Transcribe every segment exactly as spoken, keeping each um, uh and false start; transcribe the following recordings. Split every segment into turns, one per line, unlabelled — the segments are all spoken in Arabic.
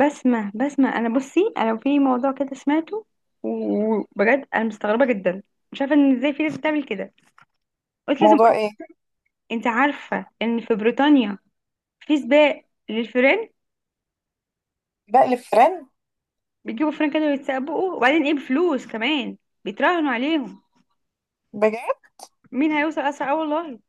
بسمع بسمع انا بصي، انا لو في موضوع كده سمعته وبجد انا مستغربه جدا. مش عارفه ان ازاي في ناس بتعمل كده. قلت لازم
موضوع
اقول.
ايه؟
انت عارفه ان في بريطانيا في سباق للفيران؟
بقلب فرن.
بيجيبوا فيران كانوا يتسابقوا، وبعدين ايه؟ بفلوس كمان بيتراهنوا عليهم
بجد؟
مين هيوصل اسرع. اه والله.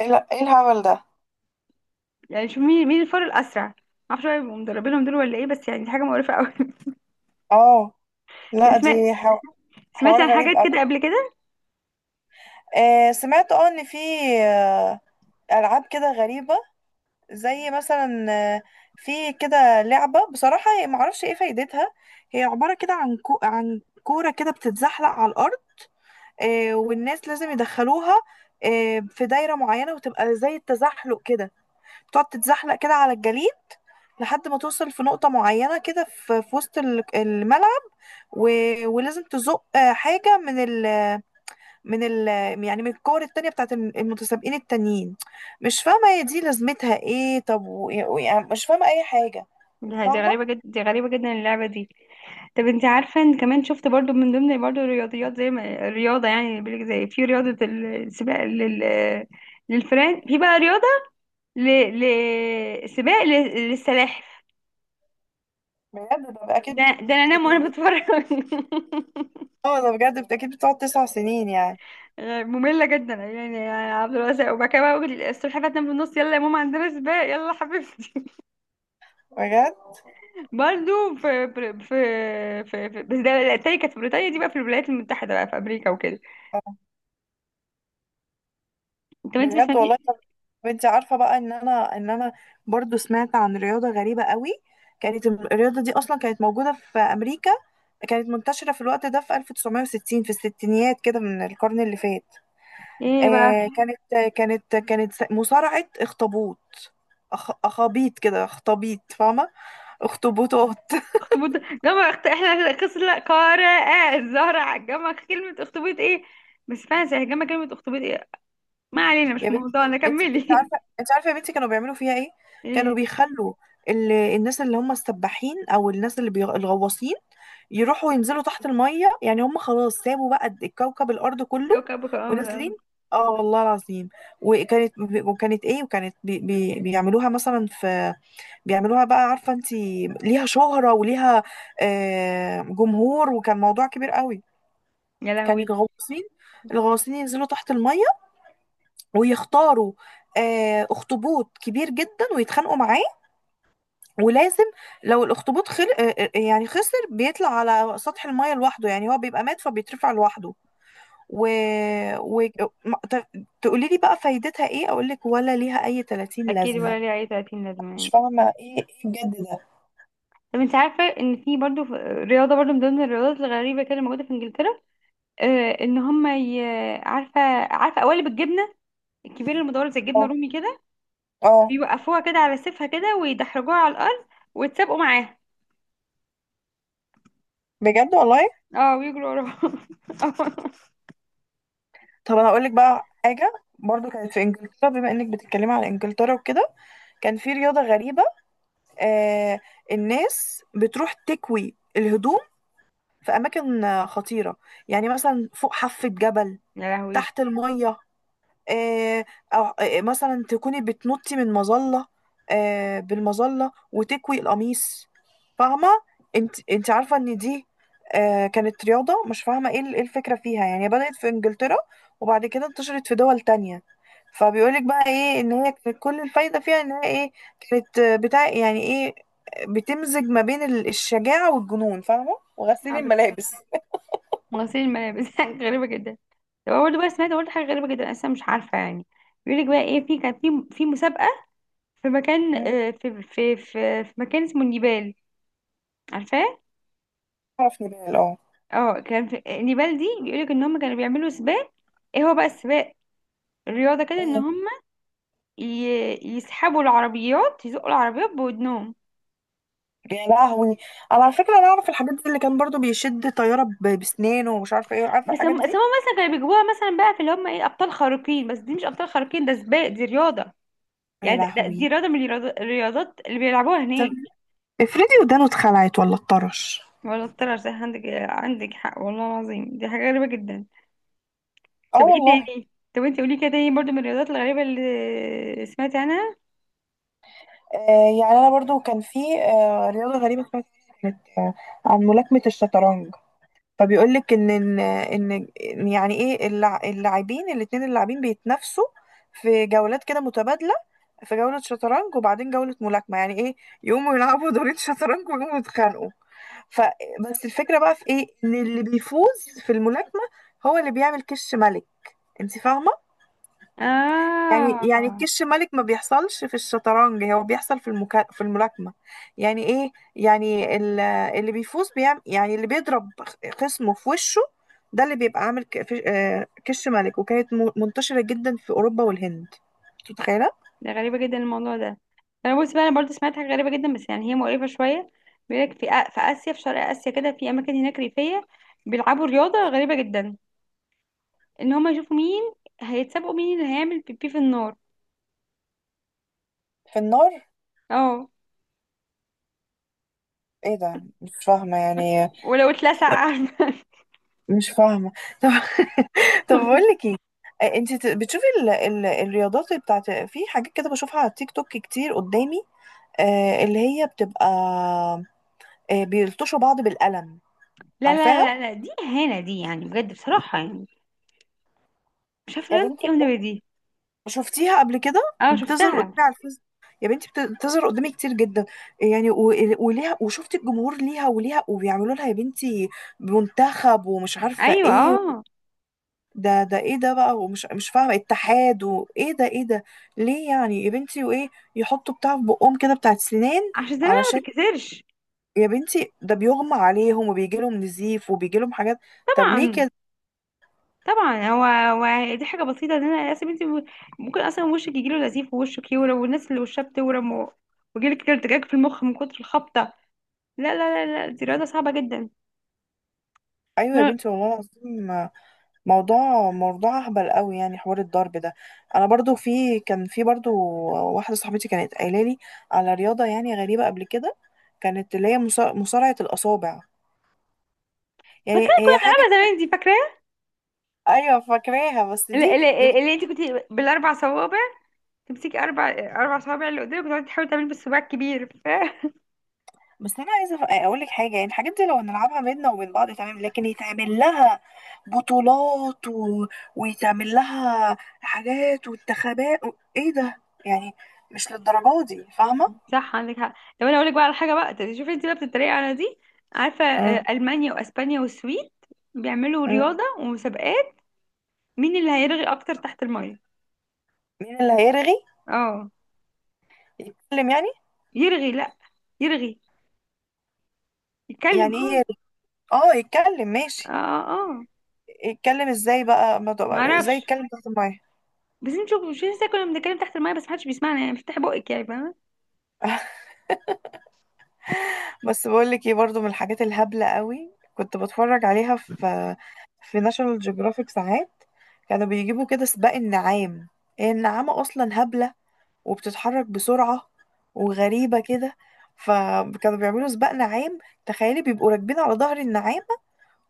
ايه لا- إيه الهبل ده؟
يعني شوف مين مين الفار الاسرع. معرفش بقى يبقوا مدربينهم دول ولا ايه، بس يعني دي حاجه مقرفه قوي.
اه. لا،
سمعت؟
دي حو-
سمعت عن
حوار غريب
حاجات
قوي.
كده قبل كده.
آه سمعت اه ان في آه، العاب كده غريبه. زي مثلا آه في كده لعبه، بصراحه هي معرفش ايه فايدتها. هي عباره كده عن كو عن كوره كده بتتزحلق على الارض. آه والناس لازم يدخلوها آه في دايره معينه، وتبقى زي التزحلق كده. تقعد تتزحلق كده على الجليد لحد ما توصل في نقطة معينة كده في في وسط ال- الملعب. و... ولازم تزق آه، حاجة من ال... من ال... يعني من الكور التانية بتاعت الم- المتسابقين التانيين. مش فاهمة هي دي لازمتها ايه؟ طب و... يعني مش فاهمة أي حاجة. انت
لا، دي
فاهمة؟
غريبة جدا، دي غريبة جدا اللعبة دي. طب انت عارفة ان كمان شفت برضو من ضمن برضو الرياضيات، زي ما الرياضة يعني بيقولك، زي في رياضة السباق لل للفئران، في بقى رياضة ل... ل... سباق لل- للسلاحف.
بجد، ده أكيد
ده,
بت-
ده انا انام
سنين
وانا
دي.
بتفرج.
اه، ده بجد بت- أكيد بتقعد تسع سنين يعني.
مملة جدا يعني يا عبد الواسع، وبعد كده بقى أقول السلحفاة تنام في النص، يلا يا ماما عندنا سباق، يلا حبيبتي.
بجد.
برضو في في في, في... في بس ده التاني كانت في بريطانيا، دي بقى في الولايات المتحدة، بقى في أمريكا وكده. طب انت ما
بجد
سمعتيش؟
والله. طب، انت عارفه بقى ان انا ان انا برضو سمعت عن رياضه غريبه قوي. كانت الم- الرياضه دي اصلا كانت موجوده في امريكا. كانت منتشره في الوقت ده في ألف وتسعمية وستين، في الستينيات كده من القرن اللي فات.
ايه بقى؟
آه كانت كانت كانت س- مصارعه اخطبوط. أخ... اخابيط كده، اخطبيط فاهمه؟ اخطبوطات.
اخطبوط، جمع اخت احنا خسر قارئة الزهرة، عجمع كلمة اخطبوط ايه؟ بس فعلا سيهجمع كلمة اخطبوط ايه؟ ما علينا، مش
يا بنتي،
موضوعنا،
انت انت
كملي.
عارفه، انت عارفه يا بنتي كانوا بيعملوا فيها ايه؟ كانوا
ايه؟
بيخلوا ال... الناس اللي هم السباحين، او الناس اللي بي... الغواصين يروحوا ينزلوا تحت الميه. يعني هم خلاص سابوا بقى الكوكب الارض كله
كوكبك
ونازلين.
الأرض.
اه والله العظيم. وكانت وكانت ايه، وكانت بي... بي... بيعملوها مثلا في... بيعملوها بقى، عارفه انت، ليها شهره وليها آه، جمهور، وكان موضوع كبير قوي.
يا
كان
لهوي.
الغواصين الغواصين ينزلوا تحت الميه ويختاروا آه، اخطبوط كبير جدا ويتخانقوا معاه. ولازم، لو الاخطبوط خل... آه، آه، آه، يعني خسر، بيطلع على سطح المايه لوحده. يعني هو بيبقى مات فبيترفع لوحده. و... و... ما- ت- تقولي لي بقى فايدتها ايه؟ اقول لك ولا ليها اي تلاتين
اكيد،
لازمه.
ولا ليه اي ثلاثين لازمة
مش
يعني.
فاهمة، ايه ايه بجد ده.
طب انت عارفة ان في برضو في- رياضة برضو من ضمن الرياضات الغريبة كده موجودة في انجلترا؟ آه، ان هم ي... عارفة؟ عارفة قوالب الجبنة الكبيرة المدورة زي الجبنة
اه.
الرومي كده؟
آه.
بيوقفوها كده على سيفها كده، ويدحرجوها على الأرض، ويتسابقوا معاها.
بجد والله.
اه، بيجروا ورا بعض.
طب، انا اقول لك بقى حاجه. برضو كانت في انجلترا، بما انك بتتكلمي على انجلترا وكده، كان في رياضه غريبه. آه الناس بتروح تكوي الهدوم في أماكن آه، خطيرة. يعني مثلا فوق حافة جبل،
يا لهوي.
تحت المية، آه، أو آه، مثلا تكوني بتنطي من مظلة، آه، بالمظلة وتكوي القميص. فاهمة؟ انت انت عارفة ان دي آه، كانت رياضة. مش فاهمة ايه ال- إيه الفكرة فيها، يعني هي بدأت في انجلترا، وبعد كده انتشرت في دول تانية. فبيقولك بقى ايه ان هي كانت كل الفايدة فيها ان هي ايه، كانت آه، بتاع، يعني ايه، آه، بتمزج ما بين ال- الشجاعة والجنون، فاهمة،
اه
وغسيل
بس.
الملابس.
غسيل الملابس. غريبة جدا. طب أنا برضه بقى سمعت برضه حاجة غريبة جدا، أنا لسه مش عارفة يعني. بيقولك بقى ايه، في كان في في مسابقة في مكان،
مم.
آه، في في في, في مكان اسمه النيبال، عارفاه؟
اعرف نبال، اه.
اه، كان في النيبال دي بيقولك ان هم كانوا بيعملوا سباق، ايه هو بقى السباق، الرياضة كده، ان
ايه.
هم ي- يسحبوا العربيات، يزقوا العربيات بودنهم.
يا لهوي، انا على فكره انا اعرف الحاجات دي، اللي كان برضو بيشد طياره ب- بسنانه ومش عارفه ايه. عارفه
بس هم
الحاجات
بس
دي.
هم مثلا كانوا بيجيبوها مثلا بقى في اللي هم ايه ابطال خارقين، بس دي مش ابطال خارقين، ده سباق، دي رياضة.
يا
يعني ده ده- دي
لهوي.
رياضة من الرياض- الرياضات اللي بيلعبوها
طب،
هناك.
افرضي ودانه اتخلعت ولا اتطرش.
ولا طلع صح عندك، عندك حق والله العظيم، دي حاجة غريبة جدا.
اه
طب ايه
والله.
تاني؟ طب انت قولي كده تاني برضو من الرياضات الغريبة اللي سمعت عنها.
آه، يعني انا برضو كان في آه رياضه غريبه سمعت عنها، كانت آه عن ملاكمه الشطرنج. فبيقول لك ان ان ان إن يعني ايه اللع- اللاعبين الاثنين، اللاعبين بيتنافسوا في جولات كده متبادله، في جوله شطرنج وبعدين جوله ملاكمه. يعني ايه، يقوموا يلعبوا دورين شطرنج ويقوموا يتخانقوا. فبس الفكرة بقى في ايه، ان اللي بيفوز في الملاكمة هو اللي بيعمل كش ملك. انت فاهمة؟ يعني
اه،
يعني الكش ملك ما بيحصلش في الشطرنج، هو بيحصل في المكا... في الملاكمة. يعني ايه، يعني ال- اللي بيفوز بيعمل، يعني اللي بيضرب خصمه في وشه، ده اللي بيبقى عامل ك- في- آه، كش ملك. وكانت م- منتشرة جدا في أوروبا والهند. أنت متخيلة؟
ده غريبة جدا الموضوع ده. انا بص بقى، انا برضو سمعت حاجة غريبة جدا بس يعني هي مقرفة شوية. بيقولك في آ- في آسيا، في شرق آسيا كده، في أماكن هناك ريفية بيلعبوا رياضة غريبة جدا، ان هما يشوفوا مين هيتسابقوا، مين اللي هيعمل بيبي في النار.
في النار؟
اه.
ايه ده، مش فاهمة يعني.
ولو اتلسع عارفة.
مش فاهمة. طب. طب، بقول لك ايه، آه، انت ت- بتشوفي ال... ال... الرياضات بتاعت في حاجات كده بشوفها على التيك توك كتير قدامي. آه اللي هي بتبقى آه بيلطشوا بعض بالقلم.
لا لا
عارفاها؟
لا لا، دي اهانه دي يعني، بجد بصراحه يعني. مش عارفه
يا
لازم
بنتي
ايه
بجد،
والنبي دي.
شفتيها قبل كده،
اه
بتظهر قدامي
شفتها.
على الفيس. يا بنتي، بت- بتظهر قدامي كتير جدا يعني. و... وليها، وشفت الجمهور ليها وليها وبيعملوا لها يا بنتي منتخب ومش عارفة
ايوه
ايه.
اه.
ده ده ايه ده بقى، ومش مش فاهمه اتحاد وايه ده، ايه ده؟ ليه يعني يا بنتي، وايه يحطوا بتاع في بقهم كده بتاعت سنان؟
عشان زمان ما
علشان،
تتكسرش.
يا بنتي ده بيغمى عليهم وبيجي لهم نزيف وبيجي لهم حاجات. طب ليه
طبعا.
كده؟
طبعا هو، هو دي حاجه بسيطه، ان انا اصلا، انت ممكن اصلا وشك يجيله نزيف، ووشك يورم، والناس اللي وشها بتورم و- ويجيلك كده ارتجاج في المخ من كتر الخبطه. لا لا لا لا، دي رياضه صعبه جدا.
ايوه يا
أنا
بنتي والله العظيم. آه، موضوع، موضوع اهبل قوي يعني، حوار الضرب ده. انا برضو، في كان في برضو واحده صاحبتي كانت قايله لي على رياضه يعني غريبه قبل كده، كانت اللي هي مصا- مصارعه الاصابع.
فاكره،
يعني هي حاجه
انا زمان
كده.
دي فاكره.
ايوه فاكراها، بس
اللي,
دي
اللي, اللي انت كنت بالاربع صوابع، تمسكي اربع اربع صوابع اللي قدامك وتقعدي تحاولي تعملي بالصباع الكبير.
بس انا عايزه اقول لك حاجه، يعني الحاجات دي لو نلعبها بينا وبين بعض تمام، لكن يتعمل لها بطولات و... ويتعمل لها حاجات وانتخابات و... ايه ده يعني، مش للدرجه دي فاهمه.
صح، عندك حق. طب انا اقول لك بقى على حاجه بقى، طب شوفي انت بقى بتتريقي على دي، عارفه
مم.
آه، المانيا واسبانيا والسويد بيعملوا
مم.
رياضه ومسابقات مين اللي هيرغي اكتر تحت الميه؟
مين اللي هيرغي؟
اه،
يتكلم يعني؟
يرغي، لا، يرغي، يتكلم
يعني ايه
اه.
يرغي؟ اه يتكلم،
اه.
ماشي.
اه. آه.
يتكلم ازاي بقى، ما
ما
تبقى- ازاي
اعرفش،
يتكلم تحت الميه؟
بس انت شوفوا، مش لسه كنا بنتكلم تحت الميه بس محدش بيسمعنا يعني، افتحي بقك يعني، فاهمه؟
بس بقول لك ايه، برضو من الحاجات الهبلة قوي كنت بتفرج عليها في في ناشونال جيوغرافيك ساعات. كانوا بيجيبوا كده سباق النعام. هي النعامة اصلا هبلة، وبتتحرك بسرعة وغريبة كده، فكانوا بيعملوا سباق نعام. تخيلي بيبقوا راكبين على ظهر النعامة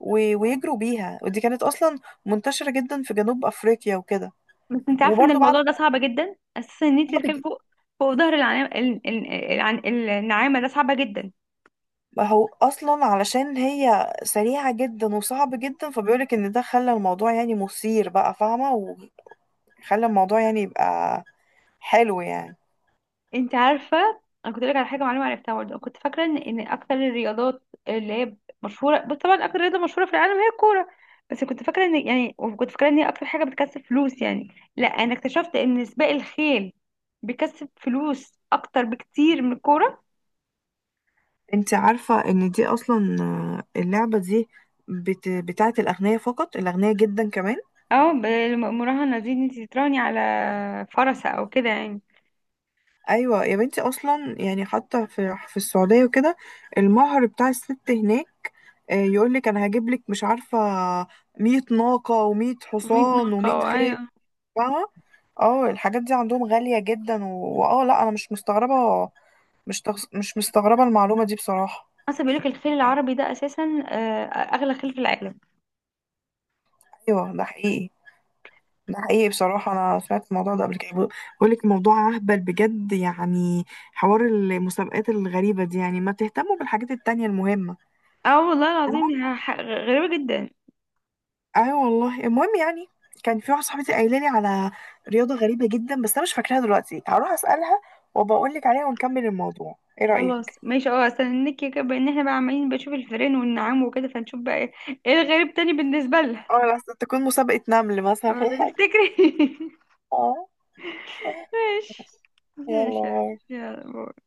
و- ويجروا بيها، ودي كانت اصلا منتشرة جدا في جنوب افريقيا وكده.
بس انت عارفه ان
وبرضو
الموضوع ده صعب جدا اساسا، ان انت تركبي
بعد.
فوق فوق ظهر العناعه، النعامه، ده صعبه جدا.
ما هو اصلا علشان هي سريعه جدا وصعب جدا، فبيقولك ان ده خلى الموضوع يعني مثير بقى، فاهمه، وخلى الموضوع يعني يبقى حلو يعني.
انت عارفه، انا كنت لك على حاجه معلومه عرفتها برضه، كنت فاكره ان ان اكتر الرياضات اللي هي مشهوره، بس طبعا اكتر رياضه مشهوره في العالم هي الكوره، بس كنت فاكره ان يعني، وكنت فاكره ان هي اكتر حاجه بتكسب فلوس يعني. لا، انا اكتشفت ان سباق الخيل بيكسب فلوس اكتر بكتير من الكوره.
انت عارفه ان دي اصلا آه، اللعبه دي بت... بتاعه الاغنياء فقط، الاغنياء جدا كمان.
اه، بالمراهنه دي، ان انت تتراهني على فرسه او كده يعني.
ايوه يا بنتي، اصلا يعني حتى في في السعوديه وكده، المهر بتاع الست هناك، آه، يقولك انا هجيب لك، مش عارفه، مية ناقه و100
مائة
حصان
ناقه
و100
او
خيل
ايوه.
بقى. اه الحاجات دي عندهم غالية جدا و- واه، لا انا مش مستغربة، مش تغس... مش مستغربة المعلومة دي بصراحة،
اصلا بيقولك الخيل
يعني.
العربي ده اساسا، آه، اغلى خيل في العالم.
ايوه ده حقيقي، ده حقيقي بصراحة، انا سمعت الموضوع ده قبل كده. بقول لك الموضوع اهبل بجد يعني، حوار المسابقات الغريبة دي يعني، ما تهتموا بالحاجات التانية المهمة.
اه والله العظيم
المهم،
يعني، ح- غريبه جدا.
ايوه والله، المهم يعني كان في واحدة صاحبتي قايلة لي على رياضة غريبة جدا، بس انا مش فاكراها دلوقتي، هروح اسألها وبقول لك عليها، ونكمل الموضوع، ايه رأيك؟
خلاص ماشي، اه استنيك كده، بان احنا بقى عمالين بنشوف الفيران والنعام وكده، فنشوف بقى ايه، ايه الغريب تاني بالنسبة لها.
اه، لا تكون مسابقة نمل مثلا.
أما تفتكري.
اه.
ماشي،
يلا
ماشي.
باي.
يلا باي.